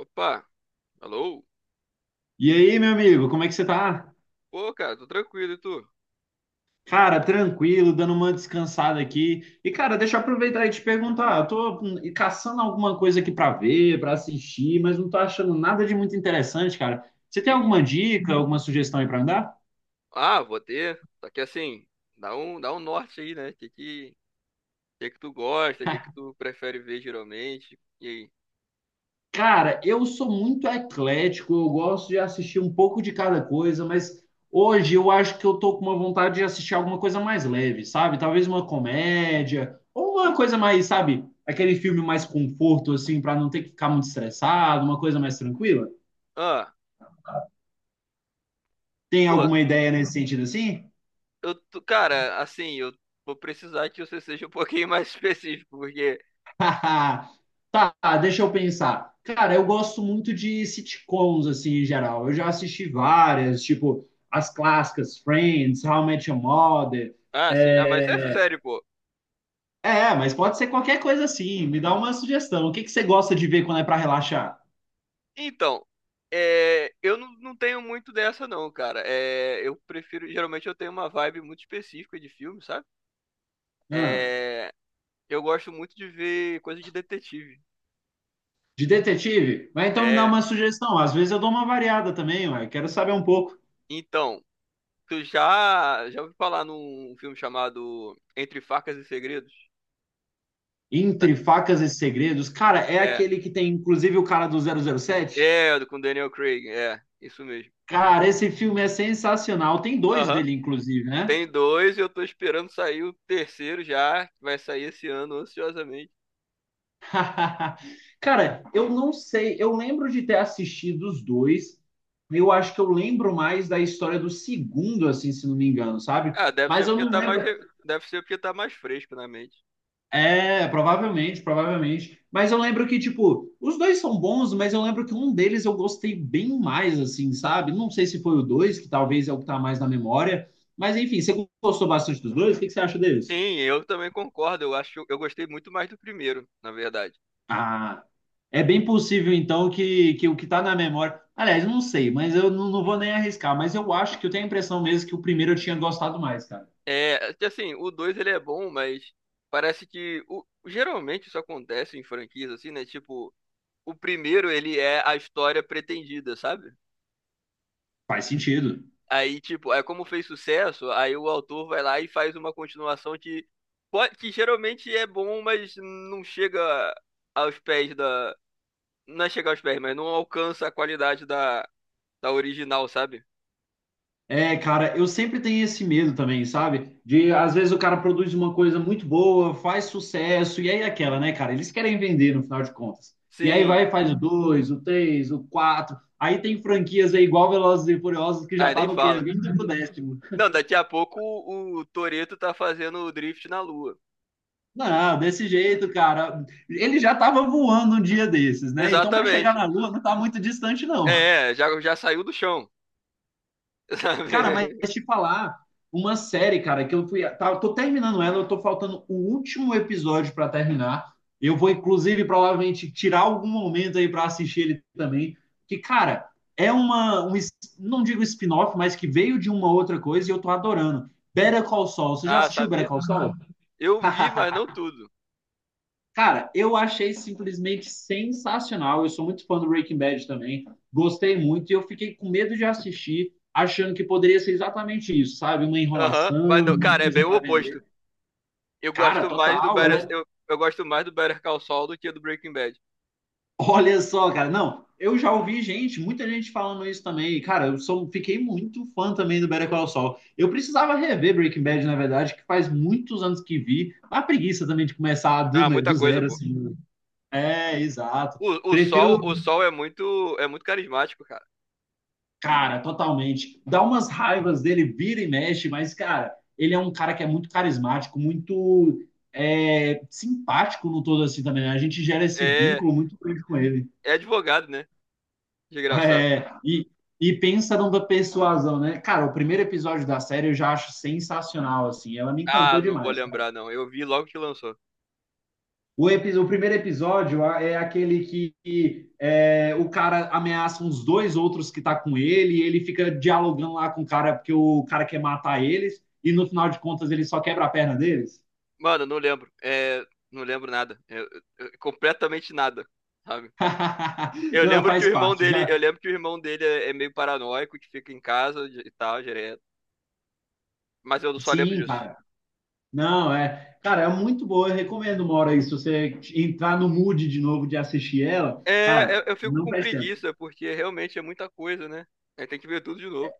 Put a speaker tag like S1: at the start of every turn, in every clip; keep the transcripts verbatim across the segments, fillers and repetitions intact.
S1: Opa, alô?
S2: E aí, meu amigo, como é que você tá?
S1: Pô, cara, tô tranquilo, e tu?
S2: Cara, tranquilo, dando uma descansada aqui. E, cara, deixa eu aproveitar e te perguntar. Eu tô hum, caçando alguma coisa aqui pra ver, pra assistir, mas não tô achando nada de muito interessante, cara. Você tem
S1: Ih,
S2: alguma dica, alguma sugestão aí pra me dar?
S1: ah, vou ter. Só que assim, dá um, dá um norte aí, né? O que que, que que tu gosta, o que que tu prefere ver geralmente? E aí?
S2: Cara, eu sou muito eclético, eu gosto de assistir um pouco de cada coisa, mas hoje eu acho que eu tô com uma vontade de assistir alguma coisa mais leve, sabe? Talvez uma comédia, ou uma coisa mais, sabe, aquele filme mais conforto, assim, para não ter que ficar muito estressado, uma coisa mais tranquila.
S1: Ah,
S2: Tem
S1: pô,
S2: alguma ideia nesse sentido assim?
S1: eu, tô- Cara, assim, eu vou precisar que você seja um pouquinho mais específico, porque...
S2: Tá, deixa eu pensar. Cara, eu gosto muito de sitcoms, assim, em geral. Eu já assisti várias, tipo, as clássicas, Friends, How I Met Your Mother.
S1: Ah, sim, ah, mas
S2: É,
S1: é sério, pô.
S2: é, mas pode ser qualquer coisa assim. Me dá uma sugestão. O que que você gosta de ver quando é pra relaxar?
S1: Então, é, eu não, não tenho muito dessa não, cara. É, eu prefiro, geralmente eu tenho uma vibe muito específica de filme, sabe?
S2: Ah,
S1: É, Eu gosto muito de ver coisa de detetive.
S2: de detetive? Mas então me dá
S1: É,
S2: uma sugestão. Às vezes eu dou uma variada também, ué. Quero saber um pouco.
S1: então, tu já já ouviu falar num filme chamado Entre Facas e Segredos?
S2: Entre Facas e Segredos. Cara, é
S1: É,
S2: aquele que tem, inclusive, o cara do zero zero sete?
S1: é, com Daniel Craig, é, isso mesmo.
S2: Cara, esse filme é sensacional. Tem dois
S1: Aham.
S2: dele, inclusive, né?
S1: Tem dois e eu tô esperando sair o terceiro já, que vai sair esse ano ansiosamente.
S2: Cara, eu não sei. Eu lembro de ter assistido os dois. Eu acho que eu lembro mais da história do segundo, assim, se não me engano, sabe?
S1: Ah, deve ser
S2: Mas eu
S1: porque
S2: não
S1: tá mais
S2: lembro.
S1: re- deve ser porque tá mais fresco na mente.
S2: É, provavelmente, provavelmente. Mas eu lembro que, tipo, os dois são bons, mas eu lembro que um deles eu gostei bem mais, assim, sabe? Não sei se foi o dois, que talvez é o que tá mais na memória. Mas enfim, você gostou bastante dos dois? O que que você acha deles?
S1: Sim, eu também concordo. Eu acho, eu gostei muito mais do primeiro, na verdade.
S2: Ah, é bem possível então que, que o que está na memória. Aliás, eu não sei, mas eu não, não vou nem arriscar. Mas eu acho que eu tenho a impressão mesmo que o primeiro eu tinha gostado mais, cara.
S1: É, que assim, o dois ele é bom, mas parece que o, geralmente isso acontece em franquias assim, né? Tipo, o primeiro ele é a história pretendida, sabe?
S2: Faz sentido.
S1: Aí, tipo, é como fez sucesso, aí o autor vai lá e faz uma continuação que pode, que geralmente é bom, mas não chega aos pés da, não é chegar aos pés, mas não alcança a qualidade da da original, sabe?
S2: É, cara, eu sempre tenho esse medo também, sabe? De às vezes o cara produz uma coisa muito boa, faz sucesso, e aí é aquela, né, cara? Eles querem vender no final de contas. E aí
S1: Sim.
S2: vai e faz o dois, o três, o quatro. Aí tem franquias aí igual Velozes e Furiosos que já
S1: Aí
S2: tá
S1: nem
S2: no quê?
S1: fala.
S2: vinte décimo.
S1: Não, daqui a pouco o, o Toretto tá fazendo o drift na lua.
S2: Não, desse jeito, cara. Ele já estava voando um dia desses, né? Então, para chegar
S1: Exatamente.
S2: na Lua, não tá muito distante, não.
S1: É, é, já, já saiu do chão.
S2: Cara, mas
S1: Sabe?
S2: te falar, uma série, cara, que eu fui. Tá, eu tô terminando ela, eu tô faltando o último episódio para terminar. Eu vou, inclusive, provavelmente tirar algum momento aí para assistir ele também. Que, cara, é uma. Um, es- não digo spin-off, mas que veio de uma outra coisa e eu tô adorando. Better Call Saul. Você já
S1: Ah,
S2: assistiu Better
S1: sabia?
S2: Call Ah, Saul?
S1: Eu vi, mas não tudo.
S2: Cara, eu achei simplesmente sensacional. Eu sou muito fã do Breaking Bad também. Gostei muito e eu fiquei com medo de assistir, achando que poderia ser exatamente isso, sabe? Uma
S1: Aham, mas
S2: enrolação,
S1: não,
S2: uma
S1: cara, é bem
S2: coisa
S1: o
S2: para
S1: oposto.
S2: vender.
S1: Eu
S2: Cara,
S1: gosto mais do
S2: total. Ela
S1: Better,
S2: é...
S1: eu, eu gosto mais do Better Call Saul do que do Breaking Bad.
S2: Olha só, cara. Não, eu já ouvi gente, muita gente falando isso também. E, cara, eu sou, fiquei muito fã também do Better Call Saul. Eu precisava rever Breaking Bad, na verdade, que faz muitos anos que vi. A preguiça também de começar do,
S1: Ah,
S2: né,
S1: muita
S2: do
S1: coisa,
S2: zero,
S1: pô.
S2: assim. É, exato.
S1: O, o Sol,
S2: Prefiro
S1: o Sol é muito, é muito carismático, cara.
S2: cara, totalmente. Dá umas raivas dele, vira e mexe, mas, cara, ele é um cara que é muito carismático, muito é, simpático no todo assim também, né? A gente gera esse
S1: É,
S2: vínculo muito grande com ele.
S1: é advogado, né? Desgraçado.
S2: É, e, e pensa numa persuasão, né? Cara, o primeiro episódio da série eu já acho sensacional, assim. Ela me
S1: Ah,
S2: encantou
S1: não vou
S2: demais.
S1: lembrar não. Eu vi logo que lançou.
S2: O, epi- o primeiro episódio é aquele que, que, é, o cara ameaça uns dois outros que tá com ele, e ele fica dialogando lá com o cara, porque o cara quer matar eles, e no final de contas ele só quebra a perna deles.
S1: Mano, não lembro. É, não lembro nada. É, é, completamente nada, sabe? Eu
S2: Não,
S1: lembro que o
S2: faz
S1: irmão
S2: parte.
S1: dele, eu
S2: Já...
S1: lembro que o irmão dele é é meio paranoico, que fica em casa e tal, direto. Mas eu só lembro
S2: Sim,
S1: disso.
S2: cara. Não, é. Cara, é muito boa. Eu recomendo uma hora aí. Se você entrar no mood de novo de assistir ela,
S1: É,
S2: cara,
S1: eu, eu fico
S2: não
S1: com
S2: perde tempo.
S1: preguiça, porque realmente é muita coisa, né? Aí tem que ver tudo de novo.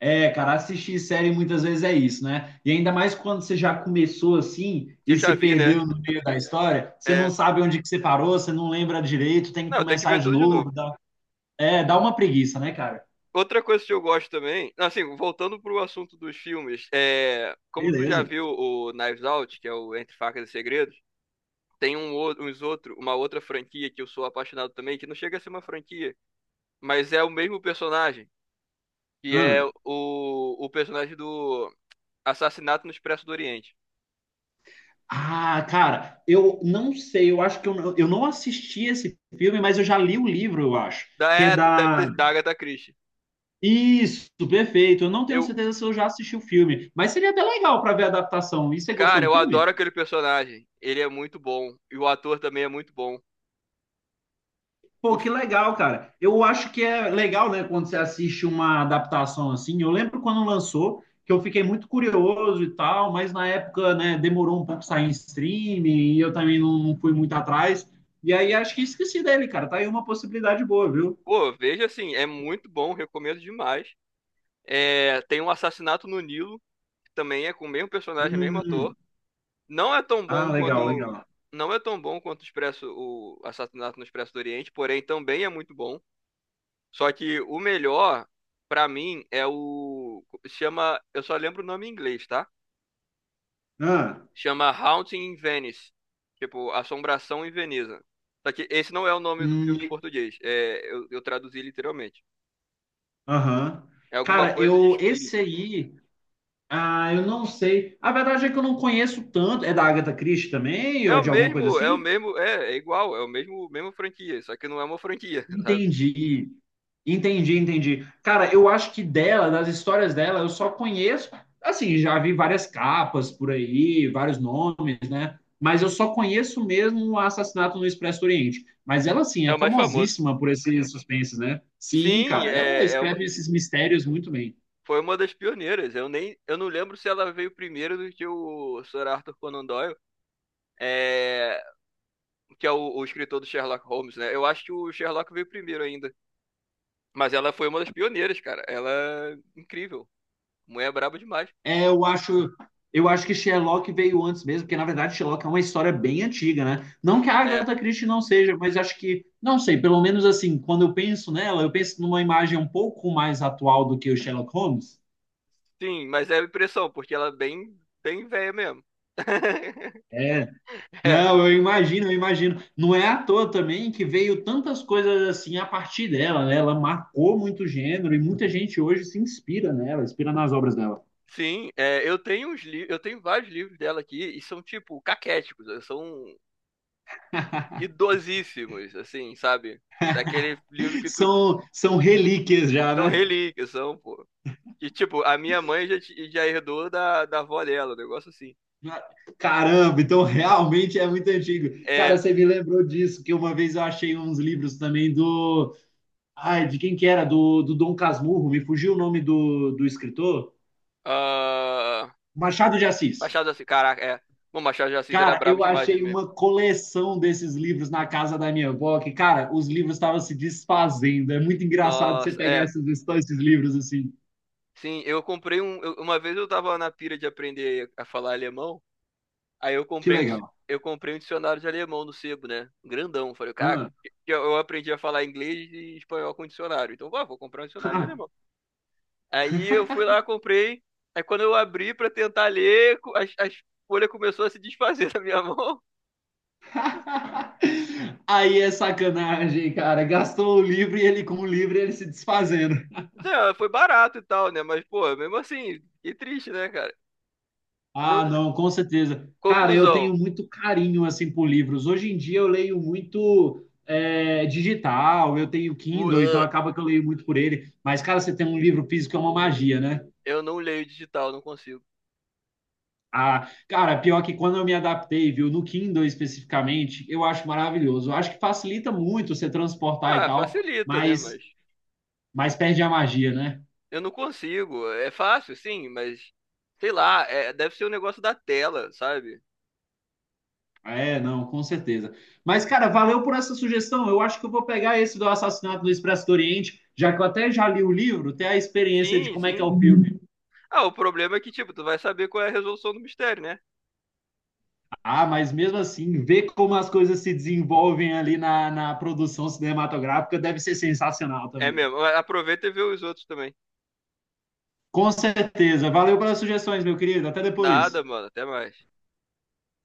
S2: É, cara, assistir série muitas vezes é isso, né? E ainda mais quando você já começou assim
S1: Que eu
S2: e
S1: já
S2: se
S1: vi, né?
S2: perdeu no meio da história, você não
S1: É.
S2: sabe onde que você parou, você não lembra direito, tem que
S1: Não, tem que
S2: começar
S1: ver
S2: de
S1: tudo de novo.
S2: novo. Dá, é, dá uma preguiça, né, cara?
S1: Outra coisa que eu gosto também, assim, voltando pro assunto dos filmes, é, como tu já
S2: Beleza.
S1: viu o Knives Out, que é o Entre Facas e Segredos, tem um, ou- uns outro, uma outra franquia que eu sou apaixonado também, que não chega a ser uma franquia, mas é o mesmo personagem. que é
S2: Hum.
S1: o, o personagem do Assassinato no Expresso do Oriente.
S2: Ah, cara, eu não sei, eu acho que eu, não- eu não assisti esse filme, mas eu já li o livro, eu acho,
S1: Da,
S2: que é
S1: é, tu deve
S2: da.
S1: ter sido da Agatha Christie.
S2: Isso, perfeito. Eu não tenho
S1: Eu,
S2: certeza se eu já assisti o filme, mas seria até legal para ver a adaptação. E você gostou
S1: cara,
S2: do
S1: eu
S2: filme?
S1: adoro aquele personagem. Ele é muito bom. E o ator também é muito bom.
S2: Pô,
S1: O,
S2: que
S1: fi-
S2: legal, cara. Eu acho que é legal, né, quando você assiste uma adaptação assim. Eu lembro quando lançou, que eu fiquei muito curioso e tal, mas na época, né, demorou um pouco sair em streaming e eu também não, não fui muito atrás. E aí acho que esqueci dele, cara. Tá aí uma possibilidade boa, viu?
S1: Pô, veja assim, é muito bom, recomendo demais. É, tem um assassinato no Nilo, que também é com o mesmo personagem, mesmo
S2: Hum,
S1: ator. Não é tão
S2: ah,
S1: bom
S2: legal,
S1: quanto.
S2: legal.
S1: Não é tão bom quanto o Expresso, o Assassinato no Expresso do Oriente, porém também é muito bom. Só que o melhor, pra mim, é o. Chama. Eu só lembro o nome em inglês, tá?
S2: Ah,
S1: Chama Haunting in Venice. Tipo, Assombração em Veneza. Só que esse não é o nome do filme
S2: hum,
S1: em português. É, eu, eu traduzi literalmente.
S2: aham.
S1: É alguma
S2: Cara,
S1: coisa de
S2: eu esse
S1: espírito.
S2: aí, ah, eu não sei. A verdade é que eu não conheço tanto. É da Agatha Christie também
S1: É
S2: ou
S1: o
S2: de alguma coisa
S1: mesmo, é o
S2: assim?
S1: mesmo, é, é igual, é o mesmo, mesmo franquia, só que não é uma franquia, sabe?
S2: Entendi. Entendi, entendi. Cara, eu acho que dela, das histórias dela, eu só conheço, assim, já vi várias capas por aí, vários nomes, né? Mas eu só conheço mesmo o Assassinato no Expresso do Oriente. Mas ela, assim,
S1: É
S2: é
S1: o mais famoso.
S2: famosíssima por esses suspenses, né? Sim,
S1: Sim,
S2: cara, ela
S1: é, é uma,
S2: escreve esses mistérios muito bem.
S1: foi uma das pioneiras. Eu nem, eu não lembro se ela veio primeiro do que o Sir Arthur Conan Doyle. É, que é o, o escritor do Sherlock Holmes, né? Eu acho que o Sherlock veio primeiro ainda. Mas ela foi uma das pioneiras, cara. Ela é incrível. Mulher é braba demais.
S2: É, eu acho, eu acho que Sherlock veio antes mesmo, porque na verdade Sherlock é uma história bem antiga, né? Não que a
S1: É,
S2: Agatha Christie não seja, mas acho que, não sei, pelo menos assim, quando eu penso nela, eu penso numa imagem um pouco mais atual do que o Sherlock Holmes.
S1: sim, mas é a impressão, porque ela é bem, bem velha mesmo.
S2: É, não,
S1: É,
S2: eu imagino, eu imagino. Não é à toa também que veio tantas coisas assim a partir dela, né? Ela marcou muito o gênero e muita gente hoje se inspira nela, inspira nas obras dela.
S1: sim, é, eu tenho uns li- eu tenho vários livros dela aqui e são tipo caquéticos, né? São idosíssimos, assim, sabe? Daquele livro que tu
S2: São, são relíquias já,
S1: são
S2: né?
S1: relíquias, são, pô. E tipo, a minha mãe já, ti- já herdou da, da avó dela, um negócio assim.
S2: Caramba, então realmente é muito antigo. Cara,
S1: É,
S2: você me lembrou disso, que uma vez eu achei uns livros também do. Ai, de quem que era? Do, do Dom Casmurro, me fugiu o nome do, do escritor?
S1: ah,
S2: Machado de Assis.
S1: Machado de Assis, caraca, é. Bom, Machado de Assis era
S2: Cara,
S1: brabo
S2: eu
S1: demais né,
S2: achei
S1: mesmo.
S2: uma coleção desses livros na casa da minha avó, que, cara, os livros estavam se desfazendo. É muito engraçado você
S1: Nossa,
S2: pegar
S1: é.
S2: esses, esses livros assim.
S1: Sim, eu comprei um. Eu- uma vez eu tava na pira de aprender a falar alemão, aí eu
S2: Que
S1: comprei um,
S2: legal.
S1: dic- eu comprei um dicionário de alemão no sebo, né? Grandão. Falei, caraca,
S2: Ah.
S1: eu, eu aprendi a falar inglês e espanhol com dicionário. Então, vá, vou comprar um dicionário de alemão. Aí eu fui lá, comprei. Aí quando eu abri pra tentar ler, co- as, as folhas começou a se desfazer da minha mão.
S2: Aí é sacanagem, cara. Gastou o livro e ele, com o livro, ele se desfazendo.
S1: Então, foi barato e tal, né? Mas, pô, mesmo assim, que triste, né, cara?
S2: Ah,
S1: Não,
S2: não, com certeza. Cara, eu
S1: conclusão.
S2: tenho muito carinho assim por livros. Hoje em dia eu leio muito é, digital, eu tenho
S1: O-
S2: Kindle, então
S1: ah,
S2: acaba que eu leio muito por ele. Mas, cara, você tem um livro físico é uma magia, né?
S1: eu não leio digital, não consigo.
S2: Ah, cara, pior que quando eu me adaptei, viu, no Kindle especificamente, eu acho maravilhoso. Eu acho que facilita muito você transportar e
S1: Ah,
S2: tal,
S1: facilita, né?
S2: mas,
S1: Mas
S2: mas perde a magia, né?
S1: eu não consigo. É fácil, sim, mas sei lá, é- deve ser um negócio da tela, sabe?
S2: É, não, com certeza. Mas, cara, valeu por essa sugestão. Eu acho que eu vou pegar esse do Assassinato no Expresso do Oriente, já que eu até já li o livro, ter a experiência de
S1: Sim,
S2: como é que é
S1: sim.
S2: o filme.
S1: Ah, o problema é que, tipo, tu vai saber qual é a resolução do mistério, né?
S2: Ah, mas mesmo assim, ver como as coisas se desenvolvem ali na, na produção cinematográfica deve ser sensacional
S1: É
S2: também.
S1: mesmo. Aproveita e vê os outros também.
S2: Com certeza. Valeu pelas sugestões, meu querido. Até
S1: Nada,
S2: depois.
S1: mano. Até mais.